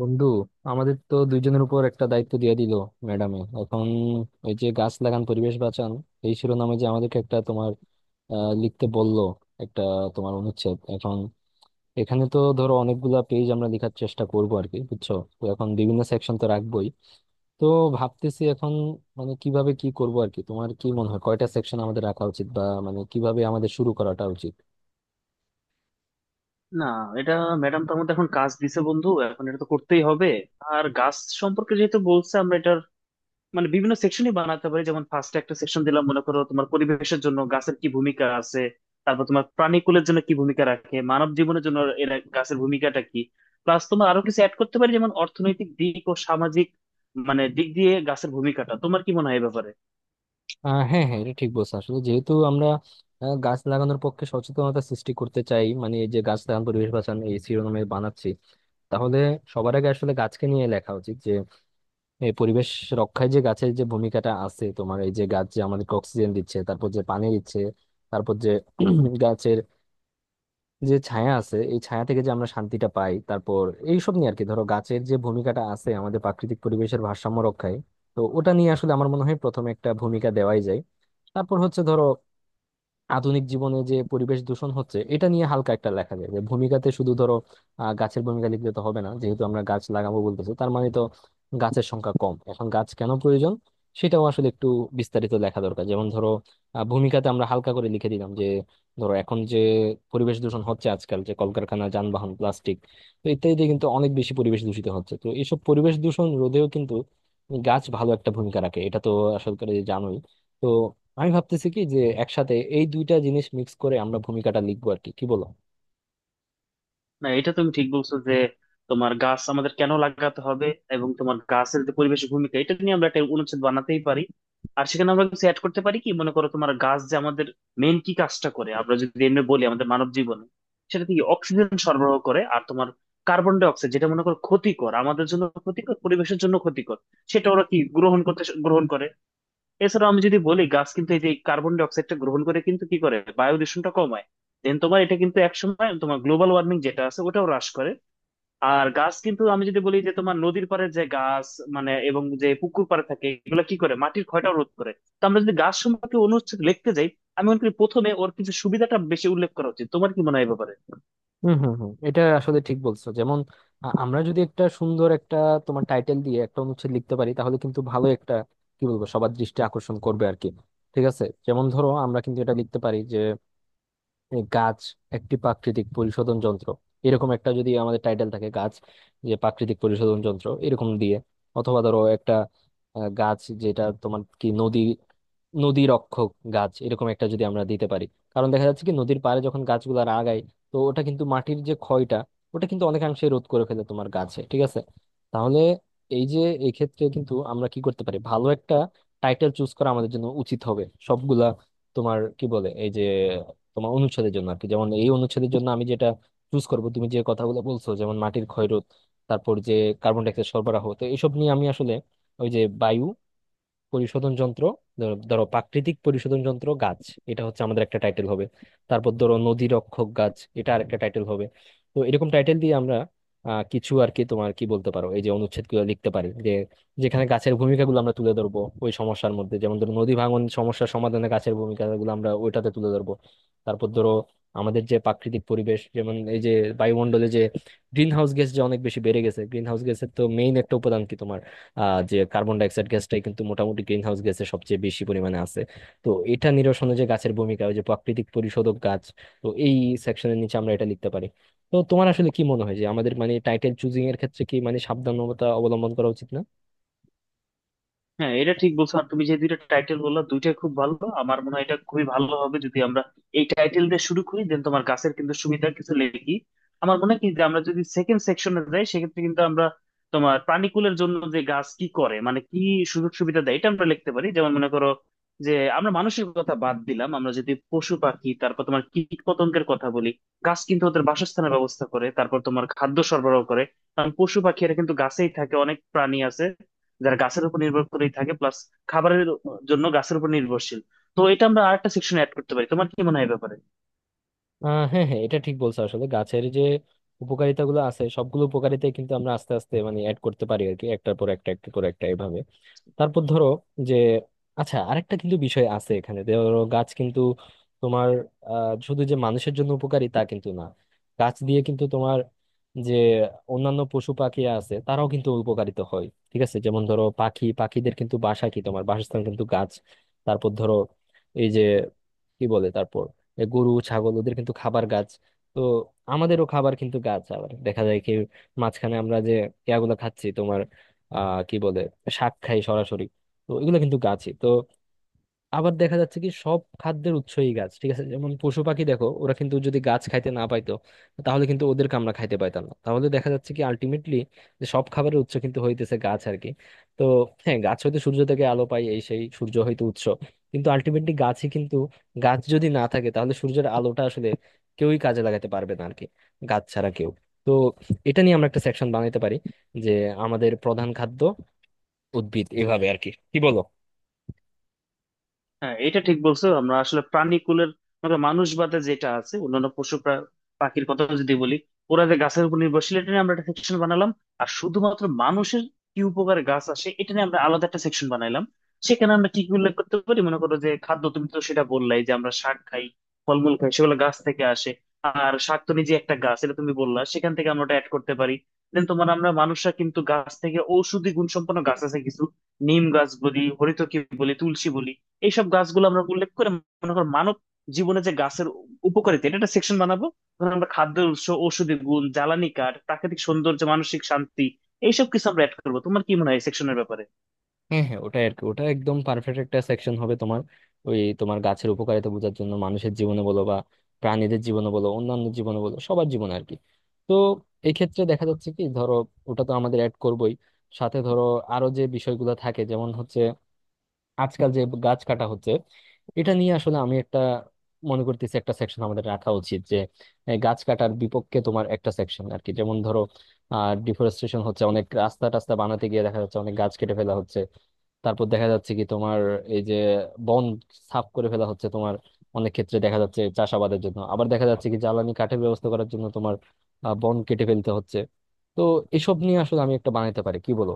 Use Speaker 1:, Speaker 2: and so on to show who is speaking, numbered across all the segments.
Speaker 1: বন্ধু, আমাদের তো দুইজনের উপর একটা দায়িত্ব দিয়ে দিল ম্যাডামে এখন। ওই যে গাছ লাগান পরিবেশ বাঁচান, এই শিরোনামে যে আমাদেরকে একটা তোমার লিখতে বলল একটা তোমার অনুচ্ছেদ এখন। এখানে তো ধরো অনেকগুলা পেজ আমরা লেখার চেষ্টা করবো আর কি, বুঝছো? তো এখন বিভিন্ন সেকশন তো রাখবোই। তো ভাবতেছি এখন মানে কিভাবে কি করব আর কি। তোমার কি মনে হয় কয়টা সেকশন আমাদের রাখা উচিত, বা মানে কিভাবে আমাদের শুরু করাটা উচিত?
Speaker 2: না, এটা ম্যাডাম তো আমাদের এখন কাজ দিছে বন্ধু, এখন এটা তো করতেই হবে। আর গাছ সম্পর্কে যেহেতু বলছে, আমরা এটার মানে বিভিন্ন সেকশনই বানাতে পারি। যেমন ফার্স্টে একটা সেকশন দিলাম মনে করো, তোমার পরিবেশের জন্য গাছের কি ভূমিকা আছে। তারপর তোমার প্রাণীকুলের জন্য কি ভূমিকা রাখে, মানব জীবনের জন্য এর গাছের ভূমিকাটা কি। প্লাস তোমার আরো কিছু অ্যাড করতে পারি, যেমন অর্থনৈতিক দিক ও সামাজিক মানে দিক দিয়ে গাছের ভূমিকাটা তোমার কি মনে হয় এ ব্যাপারে।
Speaker 1: হ্যাঁ, হ্যাঁ, এটা ঠিক বলছো। আসলে যেহেতু আমরা গাছ লাগানোর পক্ষে সচেতনতা সৃষ্টি করতে চাই, মানে এই যে গাছ লাগান পরিবেশ বাঁচান এই শিরোনামে বানাচ্ছি, তাহলে সবার আগে আসলে গাছকে নিয়ে লেখা উচিত। যে এই পরিবেশ রক্ষায় যে গাছের যে ভূমিকাটা আছে তোমার, এই যে গাছ যে আমাদেরকে অক্সিজেন দিচ্ছে, তারপর যে পানি দিচ্ছে, তারপর যে গাছের যে ছায়া আছে, এই ছায়া থেকে যে আমরা শান্তিটা পাই, তারপর এইসব নিয়ে আর কি। ধরো গাছের যে ভূমিকাটা আছে আমাদের প্রাকৃতিক পরিবেশের ভারসাম্য রক্ষায়, তো ওটা নিয়ে আসলে আমার মনে হয় প্রথমে একটা ভূমিকা দেওয়াই যায়। তারপর হচ্ছে ধরো আধুনিক জীবনে যে পরিবেশ দূষণ হচ্ছে, এটা নিয়ে হালকা একটা লেখা যাবে ভূমিকাতে শুধু। ধরো গাছের ভূমিকা লিখলে তো হবে না, যেহেতু আমরা গাছ লাগাবো বলতেছি, তার মানে তো গাছের সংখ্যা কম এখন, গাছ কেন প্রয়োজন সেটাও আসলে একটু বিস্তারিত লেখা দরকার। যেমন ধরো ভূমিকাতে আমরা হালকা করে লিখে দিলাম যে ধরো এখন যে পরিবেশ দূষণ হচ্ছে আজকাল, যে কলকারখানা, যানবাহন, প্লাস্টিক, তো ইত্যাদিতে কিন্তু অনেক বেশি পরিবেশ দূষিত হচ্ছে। তো এইসব পরিবেশ দূষণ রোধেও কিন্তু গাছ ভালো একটা ভূমিকা রাখে, এটা তো আসলে জানোই। তো আমি ভাবতেছি কি, যে একসাথে এই দুইটা জিনিস মিক্স করে আমরা ভূমিকাটা লিখবো আর কি, কি বলো?
Speaker 2: না, এটা তুমি ঠিক বলছো যে তোমার গাছ আমাদের কেন লাগাতে হবে এবং তোমার গাছের যে পরিবেশ ভূমিকা, এটা নিয়ে আমরা একটা অনুচ্ছেদ বানাতেই পারি। আর সেখানে আমরা কিছু অ্যাড করতে পারি, কি মনে করো, তোমার গাছ যে আমাদের মেন কি কাজটা করে। আমরা যদি এমনি বলি, আমাদের মানব জীবনে সেটা থেকে অক্সিজেন সরবরাহ করে। আর তোমার কার্বন ডাই অক্সাইড, যেটা মনে করো ক্ষতিকর, আমাদের জন্য ক্ষতিকর, পরিবেশের জন্য ক্ষতিকর, সেটা ওরা কি গ্রহণ করে। এছাড়াও আমি যদি বলি, গাছ কিন্তু এই যে কার্বন ডাই অক্সাইডটা গ্রহণ করে, কিন্তু কি করে বায়ু দূষণটা কমায়। দেন তোমার এটা কিন্তু একসময় তোমার গ্লোবাল ওয়ার্মিং যেটা আছে, ওটাও হ্রাস করে। আর গাছ কিন্তু, আমি যদি বলি যে তোমার নদীর পাড়ে যে গাছ, মানে এবং যে পুকুর পাড়ে থাকে, এগুলো কি করে মাটির ক্ষয়টাও রোধ করে। তো আমরা যদি গাছ সম্পর্কে অনুচ্ছেদ লিখতে যাই, আমি মনে করি প্রথমে ওর কিছু সুবিধাটা বেশি উল্লেখ করা উচিত। তোমার কি মনে হয় এ ব্যাপারে?
Speaker 1: হুম, হুম, হুম, এটা আসলে ঠিক বলছো। যেমন আমরা যদি একটা সুন্দর একটা তোমার টাইটেল দিয়ে একটা অনুচ্ছেদ লিখতে পারি, তাহলে কিন্তু ভালো একটা কি বলবো, সবার দৃষ্টি আকর্ষণ করবে আর কি। ঠিক আছে, যেমন ধরো আমরা কিন্তু এটা লিখতে পারি, এই গাছ একটি প্রাকৃতিক পরিশোধন যন্ত্র, এরকম একটা যদি আমাদের টাইটেল থাকে, গাছ যে প্রাকৃতিক পরিশোধন যন্ত্র এরকম দিয়ে। অথবা ধরো একটা গাছ, যেটা তোমার কি, নদী, নদী রক্ষক গাছ, এরকম একটা যদি আমরা দিতে পারি। কারণ দেখা যাচ্ছে কি নদীর পাড়ে যখন গাছগুলো আগায়, তো ওটা কিন্তু মাটির যে ক্ষয়টা, ওটা কিন্তু অনেকাংশে রোধ করে ফেলে তোমার গাছে, ঠিক আছে? তাহলে এই যে, এই ক্ষেত্রে কিন্তু আমরা কি করতে পারি, ভালো একটা টাইটেল চুজ করা আমাদের জন্য উচিত হবে সবগুলা তোমার কি বলে এই যে তোমার অনুচ্ছেদের জন্য আর কি। যেমন এই অনুচ্ছেদের জন্য আমি যেটা চুজ করব, তুমি যে কথাগুলো বলছো, যেমন মাটির ক্ষয়রোধ, তারপর যে কার্বন ডাই অক্সাইড সরবরাহ, তো এইসব নিয়ে আমি আসলে, ওই যে বায়ু পরিশোধন যন্ত্র, ধরো ধরো প্রাকৃতিক পরিশোধন যন্ত্র গাছ, এটা হচ্ছে আমাদের একটা টাইটেল হবে। তারপর ধরো নদী রক্ষক গাছ, এটা আরেকটা টাইটেল হবে। তো এরকম টাইটেল দিয়ে আমরা কিছু আর কি তোমার কি বলতে পারো, এই যে অনুচ্ছেদগুলো লিখতে পারি, যে যেখানে গাছের ভূমিকাগুলো আমরা তুলে ধরবো ওই সমস্যার মধ্যে। যেমন ধরো নদী ভাঙন সমস্যার সমাধানে গাছের ভূমিকাগুলো আমরা ওইটাতে তুলে ধরবো। তারপর ধরো আমাদের যে প্রাকৃতিক পরিবেশ, যেমন এই যে বায়ুমণ্ডলে যে গ্রিন হাউস গ্যাস যে অনেক বেশি বেড়ে গেছে, গ্রিন হাউস গ্যাসের তো মেইন একটা উপাদান কি তোমার, যে কার্বন ডাইঅক্সাইড গ্যাসটাই কিন্তু মোটামুটি গ্রিন হাউস গ্যাসের সবচেয়ে বেশি পরিমাণে আছে। তো এটা নিরসনে যে গাছের ভূমিকা, ওই যে প্রাকৃতিক পরিশোধক গাছ, তো এই সেকশনের নিচে আমরা এটা লিখতে পারি। তো তোমার আসলে কি মনে হয়, যে আমাদের মানে টাইটেল চুজিং এর ক্ষেত্রে কি মানে সাবধানতা অবলম্বন করা উচিত না?
Speaker 2: হ্যাঁ, এটা ঠিক বলছো, আর তুমি যে দুইটা টাইটেল বললা দুইটাই খুব ভালো। আমার মনে হয় এটা খুবই ভালো হবে যদি আমরা এই টাইটেল দিয়ে শুরু করি। দেন তোমার গাছের কিন্তু সুবিধা কিছু লিখি। আমার মনে হয় কি, যে আমরা যদি সেকেন্ড সেকশনে যাই, সেক্ষেত্রে কিন্তু আমরা তোমার প্রাণীকুলের জন্য যে গাছ কি করে, মানে কি সুযোগ সুবিধা দেয়, এটা আমরা লিখতে পারি। যেমন মনে করো যে আমরা মানুষের কথা বাদ দিলাম, আমরা যদি পশু পাখি, তারপর তোমার কীট পতঙ্গের কথা বলি, গাছ কিন্তু ওদের বাসস্থানের ব্যবস্থা করে, তারপর তোমার খাদ্য সরবরাহ করে। কারণ পশু পাখি এরা কিন্তু গাছেই থাকে, অনেক প্রাণী আছে যারা গাছের উপর নির্ভর করেই থাকে, প্লাস খাবারের জন্য গাছের উপর নির্ভরশীল। তো এটা আমরা আরেকটা সেকশন অ্যাড করতে পারি। তোমার কি মনে হয় এ ব্যাপারে?
Speaker 1: হ্যাঁ, হ্যাঁ, এটা ঠিক বলছো। আসলে গাছের যে উপকারিতা গুলো আছে, সবগুলো উপকারিতাই কিন্তু আমরা আস্তে আস্তে মানে অ্যাড করতে পারি আর কি, একটার পর একটা, একটার পর একটা, এভাবে। তারপর ধরো যে, আচ্ছা আরেকটা কিন্তু বিষয় আছে এখানে। ধরো গাছ কিন্তু তোমার শুধু যে মানুষের জন্য উপকারী তা কিন্তু না। গাছ দিয়ে কিন্তু তোমার যে অন্যান্য পশু পাখি আছে, তারাও কিন্তু উপকারিত হয়, ঠিক আছে? যেমন ধরো পাখি, পাখিদের কিন্তু বাসা কি তোমার, বাসস্থান কিন্তু গাছ। তারপর ধরো এই যে কি বলে, তারপর এ গরু ছাগল, ওদের কিন্তু খাবার গাছ। তো আমাদেরও খাবার কিন্তু গাছ। আবার দেখা যায় কি, মাঝখানে আমরা যে ইয়াগুলো খাচ্ছি তোমার, কি বলে, শাক খাই সরাসরি, তো এগুলো কিন্তু গাছই তো। আবার দেখা যাচ্ছে কি সব খাদ্যের উৎসই গাছ, ঠিক আছে? যেমন পশু পাখি দেখো, ওরা কিন্তু যদি গাছ খাইতে না পাইতো, তাহলে কিন্তু ওদেরকে আমরা খাইতে পাইতাম না। তাহলে দেখা যাচ্ছে কি আলটিমেটলি যে সব খাবারের উৎস কিন্তু হইতেছে গাছ আর কি। তো হ্যাঁ, গাছ হইতে, সূর্য থেকে আলো পাই, এই সেই, সূর্য হইতে উৎস কিন্তু আলটিমেটলি গাছই কিন্তু। গাছ যদি না থাকে তাহলে সূর্যের আলোটা আসলে কেউই কাজে লাগাতে পারবে না আর কি, গাছ ছাড়া কেউ। তো এটা নিয়ে আমরা একটা সেকশন বানাইতে পারি যে আমাদের প্রধান খাদ্য উদ্ভিদ, এভাবে আর কি, কি বলো?
Speaker 2: হ্যাঁ, এটা ঠিক বলছো। আমরা আসলে প্রাণীকুলের মানে মানুষ বাদে যেটা আছে অন্যান্য পশু পাখির কথা যদি বলি, ওরা যে গাছের উপর নির্ভরশীল, এটা নিয়ে আমরা একটা সেকশন বানালাম। আর শুধুমাত্র মানুষের কি উপকারে গাছ আসে, এটা নিয়ে আমরা আলাদা একটা সেকশন বানাইলাম। সেখানে আমরা কি কি উল্লেখ করতে পারি, মনে করো যে খাদ্য, তুমি তো সেটা বললাই যে আমরা শাক খাই, ফলমূল খাই, সেগুলো গাছ থেকে আসে। আর শাক তো নিজে একটা গাছ, এটা তুমি বললা, সেখান থেকে আমরা ওটা অ্যাড করতে পারি। দেন তোমার আমরা মানুষরা কিন্তু গাছ থেকে, ঔষধি গুণসম্পন্ন গাছ আছে কিছু, নিম গাছ বলি, হরিতকি বলি, তুলসী বলি, এইসব গাছগুলো আমরা উল্লেখ করে মনে করো মানব জীবনে যে গাছের উপকারিতা, এটা একটা সেকশন বানাবো। ধর আমরা খাদ্যের উৎস, ঔষধি গুণ, জ্বালানি কাঠ, প্রাকৃতিক সৌন্দর্য, মানসিক শান্তি, এইসব কিছু আমরা অ্যাড করবো। তোমার কি মনে হয় সেকশনের ব্যাপারে?
Speaker 1: হ্যাঁ, হ্যাঁ, ওটাই আর কি, ওটা একদম পারফেক্ট একটা সেকশন হবে তোমার। ওই তোমার গাছের উপকারিতা বোঝার জন্য, মানুষের জীবনে বলো বা প্রাণীদের জীবনে বলো, অন্যান্য জীবনে বলো, সবার জীবনে আর কি। তো এই ক্ষেত্রে দেখা যাচ্ছে কি ধরো, ওটা তো আমাদের অ্যাড করবোই, সাথে ধরো আরো যে বিষয়গুলো থাকে, যেমন হচ্ছে আজকাল যে গাছ কাটা হচ্ছে, এটা নিয়ে আসলে আমি একটা মনে করতেছি একটা সেকশন আমাদের রাখা উচিত, যে এই গাছ কাটার বিপক্ষে তোমার একটা সেকশন আর কি। যেমন ধরো ডিফরেস্টেশন হচ্ছে, অনেক রাস্তা টাস্তা বানাতে গিয়ে দেখা যাচ্ছে অনেক গাছ কেটে ফেলা হচ্ছে। তারপর দেখা যাচ্ছে কি তোমার এই যে বন সাফ করে ফেলা হচ্ছে তোমার, অনেক ক্ষেত্রে দেখা যাচ্ছে চাষাবাদের জন্য, আবার দেখা যাচ্ছে কি জ্বালানি কাঠের ব্যবস্থা করার জন্য তোমার, বন কেটে ফেলতে হচ্ছে। তো এসব নিয়ে আসলে আমি একটা বানাইতে পারি, কি বলো?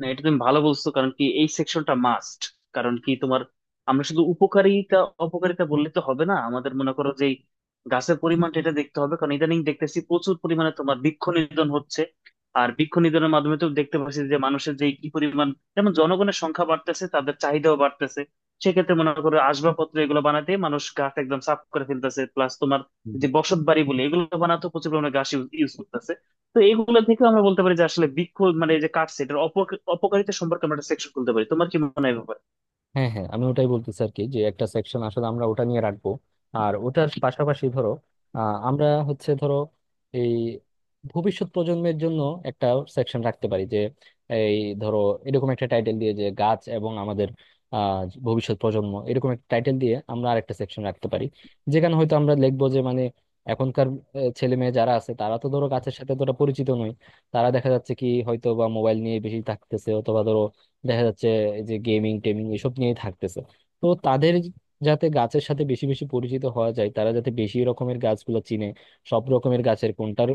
Speaker 2: না, এটা তুমি ভালো বলছো, কারণ কি এই সেকশনটা মাস্ট। কারণ কি তোমার, আমরা শুধু উপকারিতা অপকারিতা বললে তো হবে না, আমাদের মনে করো যে এই গাছের পরিমাণটা এটা দেখতে হবে। কারণ ইদানিং দেখতেছি প্রচুর পরিমাণে তোমার বৃক্ষ নিধন হচ্ছে। আর বৃক্ষ নিধনের মাধ্যমে তো দেখতে পাচ্ছি যে মানুষের যে কি পরিমাণ, যেমন জনগণের সংখ্যা বাড়তেছে, তাদের চাহিদাও বাড়তেছে। সেক্ষেত্রে মনে করো আসবাবপত্র এগুলো বানাতে মানুষ গাছ একদম সাফ করে ফেলতেছে, প্লাস তোমার যে বসত বাড়ি বলে এগুলো বানাতে প্রচুর পরিমাণে গাছ ইউজ করতেছে। তো এইগুলো থেকে আমরা বলতে পারি যে আসলে বিক্ষোভ মানে এই যে কাটছে, এটার অপকারিতা সম্পর্কে আমরা একটা সেকশন খুলতে পারি। তোমার কি মনে হয় এ ব্যাপারে?
Speaker 1: হ্যাঁ, হ্যাঁ, আমি ওটাই বলতেছি আর কি, যে একটা সেকশন আসলে আমরা ওটা নিয়ে রাখবো। আর ওটার পাশাপাশি ধরো আমরা হচ্ছে ধরো এই ভবিষ্যৎ প্রজন্মের জন্য একটা সেকশন রাখতে পারি, যে এই ধরো এরকম একটা টাইটেল দিয়ে, যে গাছ এবং আমাদের আহ ভবিষ্যৎ প্রজন্ম, এরকম একটা টাইটেল দিয়ে আমরা আরেকটা সেকশন রাখতে পারি, যেখানে হয়তো আমরা লিখবো যে মানে এখনকার ছেলে মেয়ে যারা আছে, তারা তো ধরো গাছের সাথে তোরা পরিচিত নয়। তারা দেখা যাচ্ছে কি হয়তো বা মোবাইল নিয়ে বেশি থাকতেছে, অথবা ধরো দেখা যাচ্ছে এই যে গেমিং টেমিং এসব নিয়েই থাকতেছে। তো তাদের যাতে গাছের সাথে বেশি বেশি পরিচিত হওয়া যায়, তারা যাতে বেশি রকমের গাছগুলো চিনে, সব রকমের গাছের কোনটার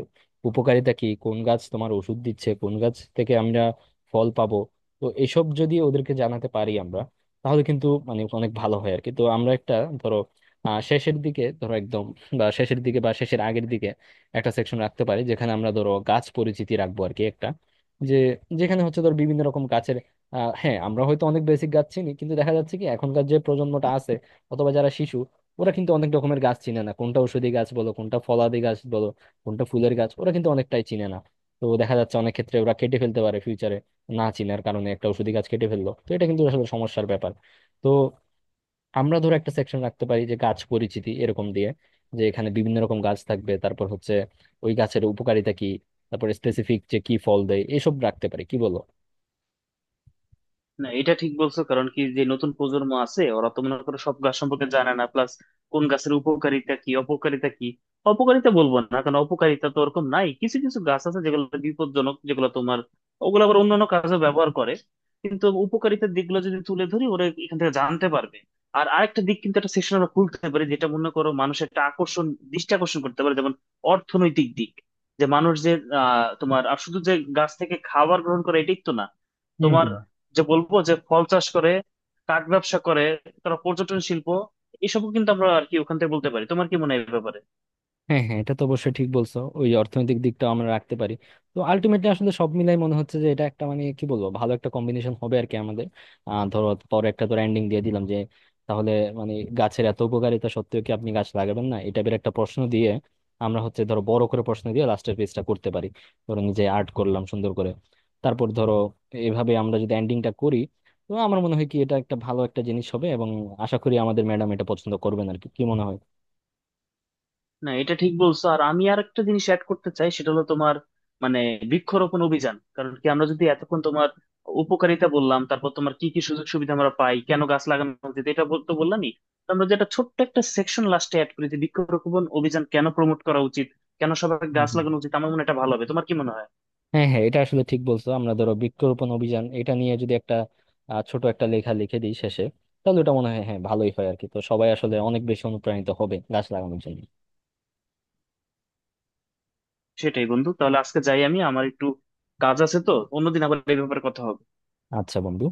Speaker 1: উপকারিতা কি, কোন গাছ তোমার ওষুধ দিচ্ছে, কোন গাছ থেকে আমরা ফল পাবো, তো এসব যদি ওদেরকে জানাতে পারি আমরা, তাহলে কিন্তু মানে অনেক ভালো হয় আর কি। তো আমরা একটা ধরো শেষের দিকে ধরো একদম, বা শেষের দিকে বা শেষের আগের দিকে, একটা সেকশন রাখতে পারি যেখানে আমরা ধরো গাছ পরিচিতি রাখবো আর কি, একটা যে যেখানে হচ্ছে ধর বিভিন্ন রকম গাছের, হ্যাঁ, আমরা হয়তো অনেক বেসিক গাছ চিনি, কিন্তু দেখা যাচ্ছে কি এখনকার যে প্রজন্মটা আছে, অথবা যারা শিশু, ওরা কিন্তু অনেক রকমের গাছ চিনে না। কোনটা ঔষধি গাছ বলো, কোনটা ফলাদি গাছ বলো, কোনটা ফুলের গাছ, ওরা কিন্তু অনেকটাই চিনে না। তো দেখা যাচ্ছে অনেক ক্ষেত্রে ওরা কেটে ফেলতে পারে ফিউচারে, না চিনার কারণে একটা ঔষধি গাছ কেটে ফেললো, তো এটা কিন্তু আসলে সমস্যার ব্যাপার। তো আমরা ধরো একটা সেকশন রাখতে পারি, যে গাছ পরিচিতি এরকম দিয়ে, যে এখানে বিভিন্ন রকম গাছ থাকবে, তারপর হচ্ছে ওই গাছের উপকারিতা কি, তারপরে স্পেসিফিক যে কি ফল দেয়, এসব রাখতে পারি, কি বলো?
Speaker 2: না, এটা ঠিক বলছো, কারণ কি যে নতুন প্রজন্ম আছে ওরা তো মনে করো সব গাছ সম্পর্কে জানে না, প্লাস কোন গাছের উপকারিতা কি, অপকারিতা কি। অপকারিতা বলবো না, কারণ অপকারিতা তো ওরকম নাই, কিছু কিছু গাছ আছে যেগুলো বিপজ্জনক, যেগুলো তোমার, ওগুলো আবার অন্যান্য কাজে ব্যবহার করে। কিন্তু উপকারিতার দিকগুলো যদি তুলে ধরি, ওরা এখান থেকে জানতে পারবে। আর আরেকটা দিক কিন্তু একটা সেশন আমরা খুলতে পারি, যেটা মনে করো মানুষের একটা আকর্ষণ, দৃষ্টি আকর্ষণ করতে পারে, যেমন অর্থনৈতিক দিক। যে মানুষ যে, তোমার আর শুধু যে গাছ থেকে খাবার গ্রহণ করে এটাই তো না, তোমার, যে বলবো যে ফল চাষ করে, কাঠ ব্যবসা করে, তারা পর্যটন শিল্প, এসবও কিন্তু আমরা আর কি ওখান থেকে বলতে পারি। তোমার কি মনে হয় এই ব্যাপারে?
Speaker 1: হ্যাঁ, হ্যাঁ, এটা তো অবশ্যই ঠিক বলছো, ওই অর্থনৈতিক দিকটাও আমরা রাখতে পারি। তো আলটিমেটলি আসলে সব মিলাই মনে হচ্ছে যে এটা একটা মানে কি বলবো, ভালো একটা কম্বিনেশন হবে আর কি আমাদের। ধরো পরে একটা ধরো এন্ডিং দিয়ে দিলাম, যে তাহলে মানে গাছের এত উপকারিতা সত্ত্বেও কি আপনি গাছ লাগাবেন না, এই টাইপের একটা প্রশ্ন দিয়ে, আমরা হচ্ছে ধরো বড় করে প্রশ্ন দিয়ে লাস্টের পেজটা করতে পারি। ধরো নিজে আর্ট করলাম সুন্দর করে, তারপর ধরো এভাবে আমরা যদি এন্ডিংটা করি, তো আমার মনে হয় কি এটা একটা ভালো একটা জিনিস হবে, এবং আশা করি আমাদের ম্যাডাম এটা পছন্দ করবেন আর কি, কি মনে
Speaker 2: না, এটা ঠিক বলছো, আর আমি আর একটা জিনিস অ্যাড করতে চাই, সেটা হলো তোমার মানে বৃক্ষরোপণ অভিযান। কারণ কি, আমরা যদি এতক্ষণ তোমার উপকারিতা বললাম, তারপর তোমার কি কি সুযোগ সুবিধা আমরা পাই, কেন গাছ লাগানো উচিত, এটা তো বললামই। তো আমরা যেটা ছোট্ট একটা সেকশন লাস্টে অ্যাড করি যে বৃক্ষরোপণ অভিযান কেন প্রমোট করা উচিত, কেন সবাই গাছ
Speaker 1: হয়?
Speaker 2: লাগানো উচিত। আমার মনে হয় এটা ভালো হবে। তোমার কি মনে হয়?
Speaker 1: হ্যাঁ, হ্যাঁ, এটা আসলে ঠিক বলছো। আমরা ধরো বৃক্ষরোপণ অভিযান এটা নিয়ে যদি একটা ছোট একটা লেখা লিখে দিই শেষে, তাহলে ওটা মনে হয় হ্যাঁ ভালোই হয় আর কি। তো সবাই আসলে অনেক বেশি অনুপ্রাণিত হবে গাছ লাগানোর জন্য।
Speaker 2: সেটাই বন্ধু, তাহলে আজকে যাই, আমি আমার একটু কাজ আছে, তো অন্যদিন আবার এই ব্যাপারে কথা হবে।
Speaker 1: আচ্ছা বন্ধু।